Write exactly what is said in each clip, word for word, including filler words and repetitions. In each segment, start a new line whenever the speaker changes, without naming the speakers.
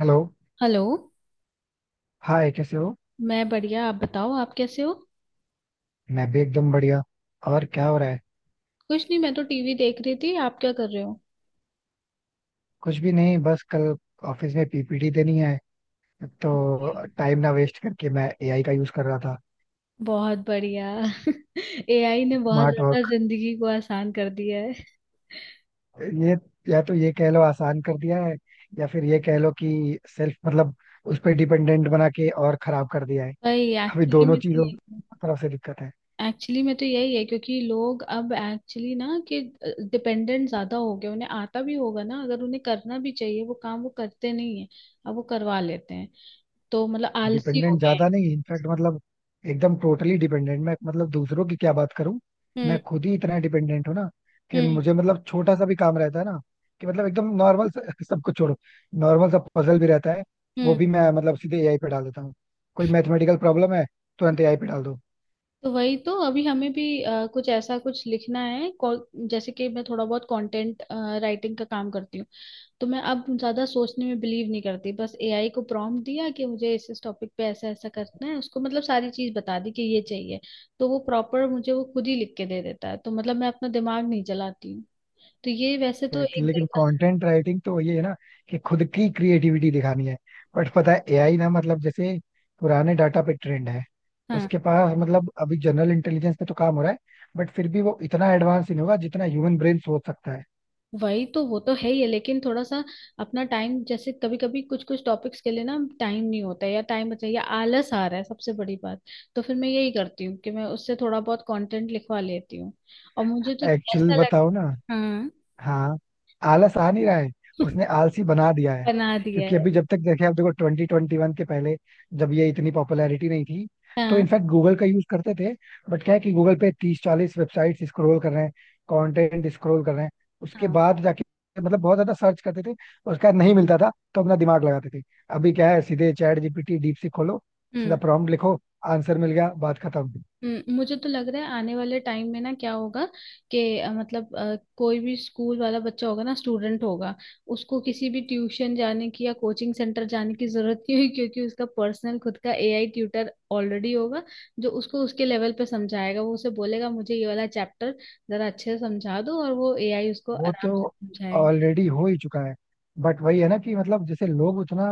Hello.
Hello.
Hi, कैसे हो?
मैं बढ़िया। आप बताओ, आप कैसे हो?
मैं भी एकदम बढ़िया। और क्या हो रहा है?
कुछ नहीं, मैं तो टीवी देख रही थी। आप क्या कर रहे हो?
कुछ भी नहीं, बस कल ऑफिस में पीपीटी देनी है। तो टाइम ना वेस्ट करके मैं एआई का यूज कर रहा था।
बहुत बढ़िया। एआई ने बहुत
स्मार्ट
ज्यादा
वर्क।
जिंदगी को आसान कर दिया है।
ये या तो ये कह लो आसान कर दिया है या फिर ये कह लो कि सेल्फ मतलब उस पर डिपेंडेंट बना के और खराब कर दिया है।
भाई
अभी
एक्चुअली
दोनों
में तो
चीजों
यही
की तरफ से दिक्कत है।
एक्चुअली में तो यही है, क्योंकि लोग अब एक्चुअली ना कि डिपेंडेंट ज्यादा हो गए। उन्हें आता भी होगा ना, अगर उन्हें करना भी चाहिए वो काम, वो करते नहीं है। अब वो करवा लेते हैं, तो मतलब आलसी हो
डिपेंडेंट
गया है।
ज्यादा नहीं, इनफैक्ट मतलब एकदम टोटली डिपेंडेंट। मैं मतलब दूसरों की क्या बात करूं।
हम्म।
मैं खुद ही इतना डिपेंडेंट हूं ना कि मुझे मतलब छोटा सा भी काम रहता है ना कि मतलब एकदम नॉर्मल सब कुछ छोड़ो, नॉर्मल सा पजल भी रहता है। वो
हम्म।
भी मैं मतलब सीधे एआई पे डाल देता हूँ। कोई मैथमेटिकल प्रॉब्लम है, तुरंत एआई पे डाल दो।
तो वही तो। अभी हमें भी अ, कुछ ऐसा कुछ लिखना है। कौ- जैसे कि मैं थोड़ा बहुत कंटेंट राइटिंग का काम करती हूँ, तो मैं अब ज्यादा सोचने में बिलीव नहीं करती। बस एआई को प्रॉम्प्ट दिया कि मुझे इस इस टॉपिक पे ऐसा ऐसा करना है। उसको मतलब सारी चीज बता दी कि ये चाहिए, तो वो प्रॉपर, मुझे वो खुद ही लिख के दे देता है। तो मतलब मैं अपना दिमाग नहीं चलाती हूँ। तो ये वैसे तो
Exactly,
एक
लेकिन
देखा।
कंटेंट राइटिंग तो ये है ना कि खुद की क्रिएटिविटी दिखानी है। बट पता है एआई ना मतलब जैसे पुराने डाटा पे ट्रेंड है। उसके पास मतलब अभी जनरल इंटेलिजेंस पे तो काम हो रहा है। बट फिर भी वो इतना एडवांस नहीं होगा जितना ह्यूमन ब्रेन सोच सकता है।
वही तो। वो तो है ही है, लेकिन थोड़ा सा अपना टाइम जैसे कभी कभी कुछ कुछ टॉपिक्स के लिए ना टाइम नहीं होता है, या टाइम बचा, या आलस आ रहा है सबसे बड़ी बात। तो फिर मैं यही करती हूँ कि मैं उससे थोड़ा बहुत कंटेंट लिखवा लेती हूँ। और मुझे तो
एक्चुअल
ऐसा लग।
बताओ ना।
हाँ।
हाँ। आलस आ नहीं रहा है, उसने आलसी बना दिया है।
बना दिया
क्योंकि
है।
अभी जब तक देखे आप देखो ट्वेंटी ट्वेंटी वन के पहले जब ये इतनी पॉपुलैरिटी नहीं थी तो
हाँ,
इनफैक्ट गूगल का यूज करते थे। बट क्या है कि गूगल पे तीस चालीस वेबसाइट स्क्रॉल कर रहे हैं, कंटेंट स्क्रॉल कर रहे हैं, उसके
हाँ।
बाद जाके मतलब बहुत ज्यादा सर्च करते थे। और उसका नहीं मिलता था तो अपना दिमाग लगाते थे। अभी क्या है, सीधे चैट जीपीटी डीप खोलो, सीधा
हम्म।
प्रॉम्प्ट लिखो, आंसर मिल गया, बात खत्म।
हम्म, मुझे तो लग रहा है आने वाले टाइम में ना क्या होगा कि अ, मतलब अ, कोई भी स्कूल वाला बच्चा होगा ना, स्टूडेंट होगा। उसको किसी भी ट्यूशन जाने की या कोचिंग सेंटर जाने की जरूरत नहीं होगी, क्योंकि उसका पर्सनल खुद का एआई ट्यूटर ऑलरेडी होगा। जो उसको उसके लेवल पे समझाएगा, वो उसे बोलेगा मुझे ये वाला चैप्टर जरा अच्छे से समझा दो, और वो एआई उसको
वो तो
आराम से समझाएगा।
ऑलरेडी हो ही चुका है। बट वही है ना कि मतलब जैसे लोग उतना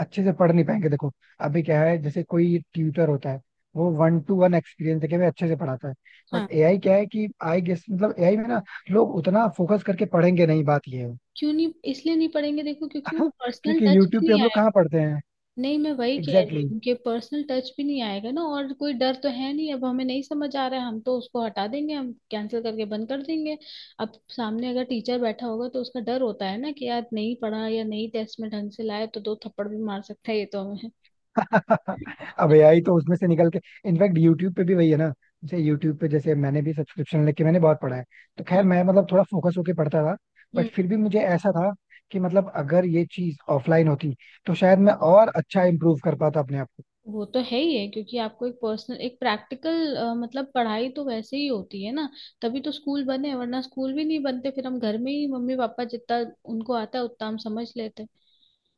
अच्छे से पढ़ नहीं पाएंगे। देखो अभी क्या है, जैसे कोई ट्यूटर होता है वो वन टू वन एक्सपीरियंस देके भी अच्छे से पढ़ाता है।
हाँ।
बट एआई क्या है कि आई गेस मतलब एआई में ना लोग उतना फोकस करके पढ़ेंगे नहीं, बात ये है।
क्यों नहीं, इसलिए नहीं पढ़ेंगे देखो, क्योंकि वो पर्सनल
क्योंकि
टच
यूट्यूब
भी
पे
नहीं।
हम लोग कहाँ पढ़ते हैं?
नहीं, मैं वही कह रही
एग्जैक्टली।
हूँ कि पर्सनल टच भी नहीं आएगा ना, और कोई डर तो है नहीं। अब हमें नहीं समझ आ रहा है, हम तो उसको हटा देंगे, हम कैंसिल करके बंद कर देंगे। अब सामने अगर टीचर बैठा होगा तो उसका डर होता है ना, कि यार नहीं पढ़ा या नहीं टेस्ट में ढंग से लाया तो दो थप्पड़ भी मार सकता है। ये तो हमें।
अब एआई तो उसमें से निकल के इनफैक्ट यूट्यूब पे भी वही है ना। जैसे यूट्यूब पे जैसे मैंने भी सब्सक्रिप्शन लेके मैंने बहुत पढ़ा है। तो खैर
हाँ।
मैं मतलब थोड़ा फोकस होके पढ़ता था। बट
हम्म।
फिर भी मुझे ऐसा था कि मतलब अगर ये चीज ऑफलाइन होती तो शायद मैं और अच्छा इम्प्रूव कर पाता अपने आप को।
वो तो है ही है, क्योंकि आपको एक पर्सनल, एक प्रैक्टिकल, मतलब पढ़ाई तो वैसे ही होती है ना। तभी तो स्कूल बने, वरना स्कूल भी नहीं बनते। फिर हम घर में ही मम्मी पापा जितना उनको आता है उतना हम समझ लेते।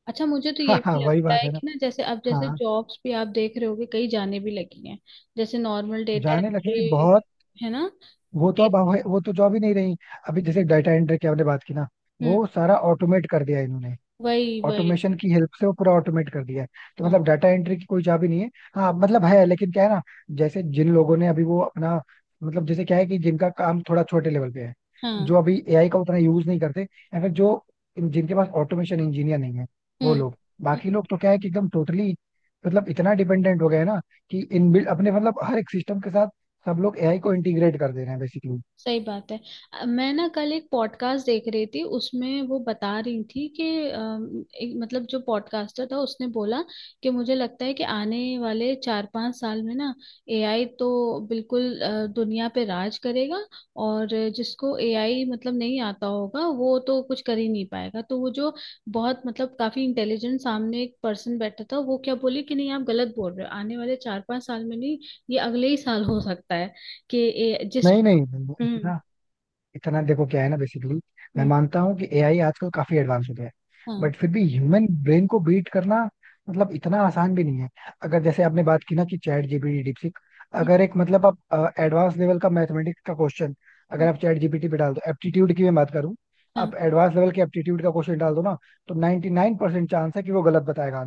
अच्छा, मुझे तो
हाँ
ये
हाँ,
भी
वही
लगता
बात
है
है ना।
कि ना, जैसे अब जैसे
हाँ,
जॉब्स भी आप देख रहे होगे, कई जाने भी लगी हैं। जैसे नॉर्मल डेटा
जाने लगे हैं बहुत।
एंट्री। है ना?
वो तो
डे-
अब वो तो जॉब ही नहीं रही। अभी जैसे डाटा एंट्री की आपने बात की ना,
हम्म।
वो सारा ऑटोमेट कर दिया इन्होंने।
वही, वही।
ऑटोमेशन की हेल्प से वो पूरा ऑटोमेट कर दिया है। तो
हाँ,
मतलब डाटा एंट्री की कोई जॉब ही नहीं है। हाँ मतलब है, लेकिन क्या है ना जैसे जिन लोगों ने अभी वो अपना मतलब जैसे क्या है कि जिनका काम थोड़ा छोटे लेवल पे है,
हाँ।
जो अभी एआई का उतना यूज नहीं करते या फिर जो जिनके पास ऑटोमेशन इंजीनियर नहीं है वो
हम्म।
लोग। बाकी
हम्म।
लोग तो क्या है कि एकदम टोटली मतलब इतना डिपेंडेंट हो गए हैं ना कि इनबिल्ट अपने मतलब हर एक सिस्टम के साथ सब लोग एआई को इंटीग्रेट कर दे रहे हैं बेसिकली।
सही बात है। अ, मैं ना कल एक पॉडकास्ट देख रही थी, उसमें वो बता रही थी कि अम, एक मतलब जो पॉडकास्टर था उसने बोला कि मुझे लगता है कि आने वाले चार पांच साल में ना एआई तो बिल्कुल अ, दुनिया पे राज करेगा। और जिसको एआई मतलब नहीं आता होगा वो तो कुछ कर ही नहीं पाएगा। तो वो जो बहुत मतलब काफी इंटेलिजेंट सामने एक पर्सन बैठा था, वो क्या बोले कि नहीं, आप गलत बोल रहे हो। आने वाले चार पांच साल में नहीं, ये अगले ही साल हो सकता है कि ए- जिस।
नहीं नहीं नहीं,
हम्म।
इतना इतना देखो क्या है ना बेसिकली। मैं
हम्म,
मानता हूँ कि एआई आजकल काफी एडवांस हो गया है।
हाँ। हम्म,
बट फिर भी ह्यूमन ब्रेन को बीट करना मतलब इतना आसान भी नहीं है। अगर जैसे आपने बात की ना कि चैट जीपीटी डीपसीक अगर एक मतलब आप एडवांस लेवल का मैथमेटिक्स का क्वेश्चन अगर
हम्म।
आप चैट जीपीटी पे डाल दो एप्टीट्यूड की मैं बात करूँ।
हाँ।
आप एडवांस लेवल के एप्टीट्यूड का क्वेश्चन डाल दो ना तो निन्यानवे परसेंट चांस है कि वो गलत बताएगा।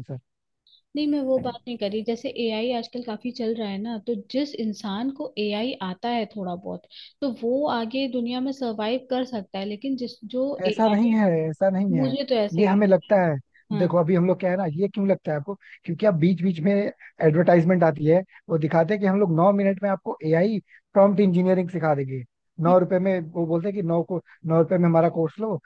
नहीं, मैं वो बात नहीं करी। जैसे एआई आजकल काफी चल रहा है ना, तो जिस इंसान को एआई आता है थोड़ा बहुत, तो वो आगे दुनिया में सरवाइव कर सकता है। लेकिन जिस जो
ऐसा नहीं
एआई।
है, ऐसा नहीं है,
मुझे तो ऐसे
ये
ही।
हमें लगता है।
हाँ।
देखो अभी हम लोग क्या है ना, ये क्यों लगता है आपको? क्योंकि आप बीच बीच में एडवर्टाइजमेंट आती है, वो दिखाते हैं कि हम लोग नौ मिनट में आपको एआई प्रॉम्प्ट इंजीनियरिंग सिखा देंगे।
हम्म।
नौ रुपए में वो बोलते हैं कि नौ को नौ रुपए में हमारा कोर्स लो,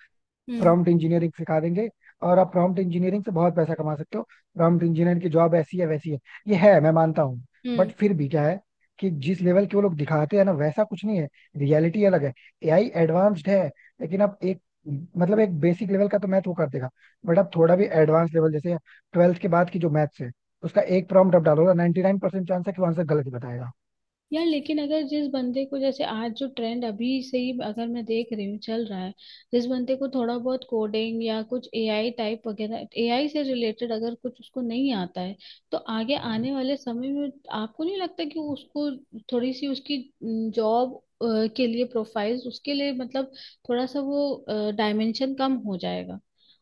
हम्म।
प्रॉम्प्ट इंजीनियरिंग सिखा देंगे और आप प्रॉम्प्ट इंजीनियरिंग से बहुत पैसा कमा सकते हो। प्रॉम्प्ट इंजीनियर की जॉब ऐसी है वैसी है, ये है, मैं मानता हूँ। बट
हम्म।
फिर भी क्या है कि जिस लेवल के वो लोग दिखाते हैं ना वैसा कुछ नहीं है। रियलिटी अलग है। एआई एडवांस्ड है लेकिन आप एक मतलब एक बेसिक लेवल का तो मैथ वो कर देगा। बट आप थोड़ा भी एडवांस लेवल जैसे ट्वेल्थ के बाद की जो मैथ्स है उसका एक प्रॉम्प्ट आप डालो ना नाइनटी नाइन परसेंट चांस है कि वो आंसर गलत ही बताएगा।
यार लेकिन अगर जिस बंदे को, जैसे आज जो ट्रेंड अभी से ही अगर मैं देख रही हूँ चल रहा है, जिस बंदे को थोड़ा बहुत कोडिंग या कुछ एआई टाइप वगैरह एआई से रिलेटेड अगर कुछ उसको नहीं आता है, तो आगे आने वाले समय में आपको नहीं लगता कि उसको थोड़ी सी उसकी जॉब के लिए प्रोफाइल, उसके लिए मतलब थोड़ा सा वो डायमेंशन कम हो जाएगा?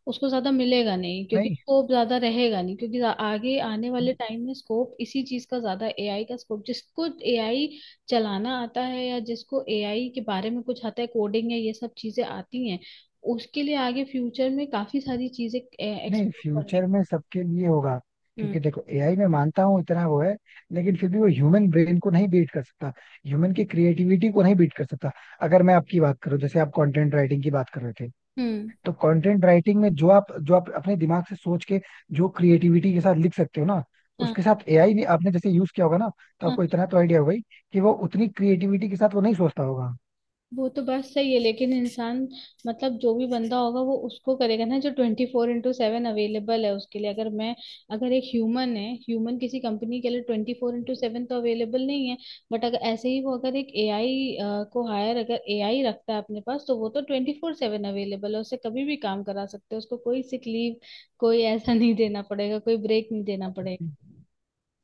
उसको ज्यादा मिलेगा नहीं, क्योंकि
नहीं,
स्कोप ज्यादा रहेगा नहीं, क्योंकि जा- आगे आने वाले टाइम में स्कोप इसी चीज का ज्यादा, एआई का स्कोप, जिसको एआई चलाना आता है, या जिसको एआई के बारे में कुछ आता है, कोडिंग है, ये सब चीजें आती हैं, उसके लिए आगे फ्यूचर में काफी सारी चीजें
नहीं,
एक्सप्लोर करने
फ्यूचर में सबके लिए होगा।
को। हम्म।
क्योंकि देखो एआई में मानता हूँ इतना वो है लेकिन फिर भी वो ह्यूमन ब्रेन को नहीं बीट कर सकता, ह्यूमन की क्रिएटिविटी को नहीं बीट कर सकता। अगर मैं आपकी बात करूँ जैसे आप कंटेंट राइटिंग की बात कर रहे थे
हम्म।
तो कंटेंट राइटिंग में जो आप जो आप अपने दिमाग से सोच के जो क्रिएटिविटी के साथ लिख सकते हो ना उसके साथ एआई ने आपने जैसे यूज किया होगा ना तो आपको
हाँ,
इतना तो आइडिया होगा ही कि वो उतनी क्रिएटिविटी के साथ वो नहीं सोचता होगा।
वो तो बात सही है, लेकिन इंसान मतलब जो भी बंदा होगा वो उसको करेगा ना, जो twenty four into seven available है उसके लिए। अगर मैं, अगर एक ह्यूमन है, ह्यूमन किसी कंपनी के लिए ट्वेंटी फोर इंटू सेवन तो अवेलेबल नहीं है। बट अगर ऐसे ही वो अगर एक एआई को हायर, अगर एआई रखता है अपने पास, तो वो तो ट्वेंटी फोर सेवन अवेलेबल है, उससे कभी भी काम करा सकते हो। उसको कोई सिक लीव, कोई ऐसा नहीं देना पड़ेगा, कोई ब्रेक नहीं देना पड़ेगा।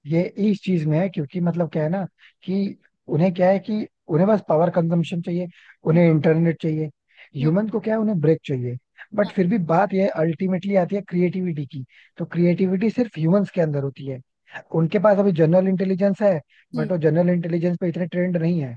ये इस चीज में है क्योंकि मतलब क्या है ना कि उन्हें क्या है कि उन्हें बस पावर कंजम्पशन चाहिए,
हम्म।
उन्हें इंटरनेट चाहिए।
हम्म।
ह्यूमन को क्या है, उन्हें ब्रेक चाहिए। बट
हाँ।
फिर भी बात यह अल्टीमेटली आती है क्रिएटिविटी की। तो क्रिएटिविटी सिर्फ ह्यूमंस के अंदर होती है। उनके पास अभी जनरल इंटेलिजेंस है
हम्म।
बट वो जनरल इंटेलिजेंस पे इतने ट्रेंड नहीं है।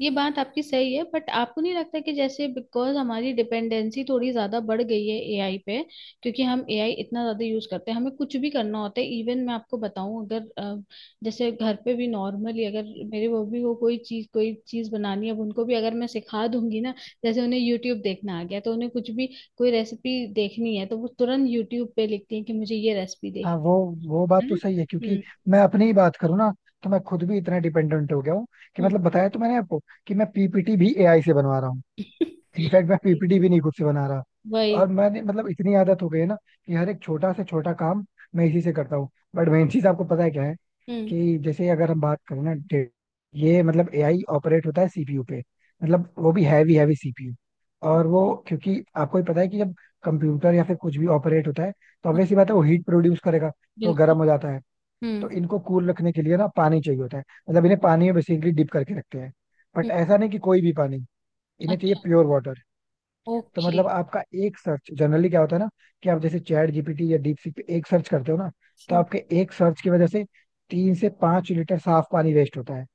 ये बात आपकी सही है, बट आपको नहीं लगता कि जैसे बिकॉज हमारी डिपेंडेंसी थोड़ी ज्यादा बढ़ गई है एआई पे, क्योंकि हम एआई इतना ज्यादा यूज करते हैं। हमें कुछ भी करना होता है, इवन मैं आपको बताऊं, अगर अ, जैसे घर पे भी नॉर्मली अगर मेरे बॉबी को कोई चीज, कोई चीज बनानी है, अब उनको भी अगर मैं सिखा दूंगी ना, जैसे उन्हें यूट्यूब देखना आ गया, तो उन्हें कुछ भी कोई रेसिपी देखनी है तो वो तुरंत यूट्यूब पे लिखती है कि मुझे ये रेसिपी
हाँ,
देखनी
वो वो बात
है।
तो
ना?
सही है क्योंकि
हम्म।
मैं अपनी ही बात करूँ ना तो मैं खुद भी इतना डिपेंडेंट हो गया हूँ। कि
हम्म।
मतलब बताया तो मैंने आपको कि मैं पीपीटी भी एआई से बनवा रहा हूँ। इनफैक्ट मैं पीपीटी भी नहीं खुद से बना रहा। और
वही।
मैंने मतलब इतनी आदत हो गई है ना कि हर एक छोटा से छोटा काम मैं इसी से करता हूँ। बट मेन चीज आपको पता है क्या है
हम्म।
कि जैसे अगर हम बात करें ना डे- ये मतलब एआई ऑपरेट होता है सीपीयू पे। मतलब वो भी हैवी हैवी सीपीयू और वो क्योंकि आपको ही पता है कि जब कंप्यूटर या फिर कुछ भी ऑपरेट होता है तो
हाँ,
ऑब्वियस सी बात है वो हीट प्रोड्यूस करेगा। तो
बिल्कुल।
गर्म हो जाता है। तो इनको कूल रखने के लिए ना पानी चाहिए होता है। मतलब इन्हें पानी में बेसिकली डिप करके रखते हैं।
हम्म।
बट ऐसा नहीं कि कोई भी पानी, इन्हें चाहिए
अच्छा।
Pure water. तो
ओके।
मतलब आपका एक सर्च जनरली क्या होता है ना कि आप जैसे चैट जीपीटी या डीप सीक पे एक सर्च करते हो ना तो
हम्म।
आपके एक सर्च की वजह से तीन से पांच लीटर साफ पानी वेस्ट होता है।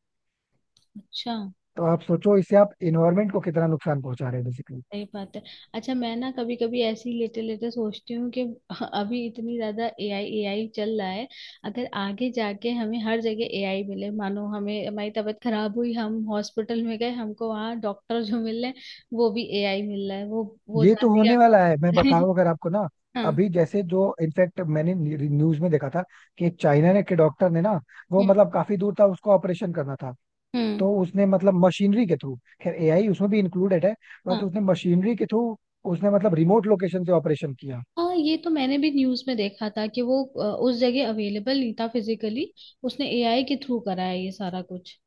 अच्छा।
तो आप सोचो इससे आप इन्वायरमेंट को कितना नुकसान पहुंचा रहे हैं बेसिकली।
सही बात है। अच्छा, मैं ना कभी कभी ऐसे ही लेटे लेटे सोचती हूँ कि अभी इतनी ज्यादा एआई एआई चल रहा है। अगर आगे जाके हमें हर जगह एआई मिले, मानो हमें, हमारी तबीयत खराब हुई, हम हॉस्पिटल में गए, हमको वहाँ डॉक्टर जो मिल रहे हैं वो भी एआई मिल रहा है, वो वो
ये तो
जाते ही
होने वाला है,
आप-
मैं बताऊं अगर आपको ना।
हाँ।
अभी जैसे जो इनफैक्ट मैंने न्यूज में देखा था कि एक चाइना ने के डॉक्टर ने ना वो
हम्म।
मतलब काफी दूर था उसको ऑपरेशन करना था।
हम्म।
तो उसने मतलब मशीनरी के थ्रू, खैर एआई उसमें भी इंक्लूडेड है, बस
हाँ,
उसने मशीनरी के थ्रू उसने मतलब रिमोट लोकेशन से ऑपरेशन किया।
हाँ, ये तो मैंने भी न्यूज में देखा था कि वो अ, उस जगह अवेलेबल नहीं था फिजिकली, उसने एआई के थ्रू करा है ये सारा कुछ।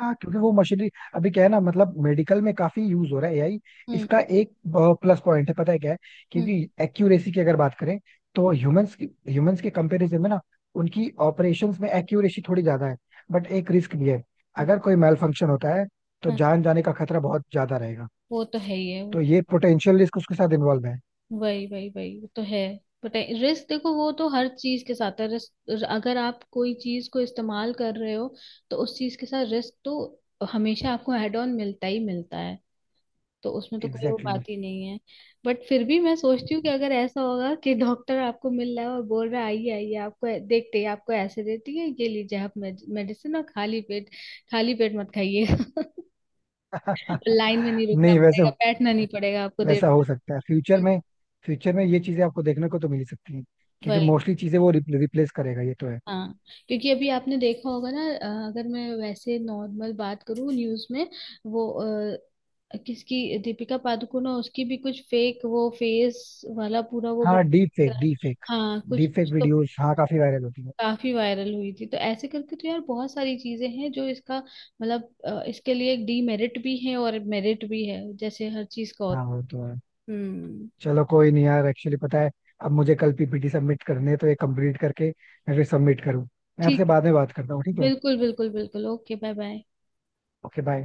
हाँ, क्योंकि वो मशीनरी अभी क्या है ना मतलब मेडिकल में काफी यूज हो रहा है एआई।
हम्म।
इसका एक प्लस पॉइंट है, पता है क्या है,
हम्म।
क्योंकि एक्यूरेसी की अगर बात करें तो
हाँ,
ह्यूमंस की ह्यूमंस के कंपैरिजन में ना उनकी ऑपरेशंस में एक्यूरेसी थोड़ी ज्यादा है। बट एक रिस्क भी है, अगर कोई मेल फंक्शन होता है तो जान जाने का खतरा बहुत ज्यादा रहेगा।
वो तो है ही है। वो
तो
तो-
ये पोटेंशियल रिस्क उसके साथ इन्वॉल्व है।
वही, वही, वही, वो तो है। बट रिस्क, देखो वो तो हर चीज के साथ है। रिस्क, अगर आप कोई चीज को इस्तेमाल कर रहे हो, तो उस चीज के साथ रिस्क तो हमेशा आपको एड ऑन मिलता ही मिलता है। तो उसमें तो कोई वो
एग्जैक्टली
बात ही नहीं है। बट फिर भी मैं सोचती हूँ कि अगर ऐसा होगा कि डॉक्टर आपको मिल रहा है और बोल रहा है आइए, आइए, आपको ऐ- देखते ही आपको ऐसे देती है ये लीजिए आप मेडिसिन और खाली पेट, खाली पेट मत खाइए।
exactly.
लाइन में नहीं रुकना
नहीं वैसे
पड़ेगा, बैठना नहीं पड़ेगा आपको देर।
वैसा हो सकता है फ्यूचर में। फ्यूचर में ये चीजें आपको देखने को तो मिल ही सकती हैं क्योंकि
वही।
मोस्टली चीजें वो रिप्लेस करेगा, ये तो है।
हाँ, क्योंकि अभी आपने देखा होगा ना, अ, अगर मैं वैसे नॉर्मल बात करूँ, न्यूज में वो अ, किसकी दीपिका पादुकोण है उसकी भी कुछ फेक वो फेस वाला पूरा वो
हाँ, डीप
बना।
फेक डीप फेक,
हाँ, कुछ
डीप फेक
कुछ तो
वीडियोस, हाँ, काफी वायरल होती है।
काफी वायरल हुई थी। तो ऐसे करके तो यार बहुत सारी चीजें हैं जो इसका मतलब अ, इसके लिए एक डीमेरिट भी है और मेरिट भी है, जैसे हर चीज का
हाँ,
होता
वो तो है।
है। हम्म।
चलो कोई नहीं यार, एक्चुअली पता है अब मुझे कल पीपीटी सबमिट करने हैं तो ये कंप्लीट करके मैं फिर सबमिट करूँ। मैं आपसे
ठीक है।
बाद में बात करता हूँ, ठीक है?
बिल्कुल, बिल्कुल, बिल्कुल। Okay. Bye, bye.
Okay bye.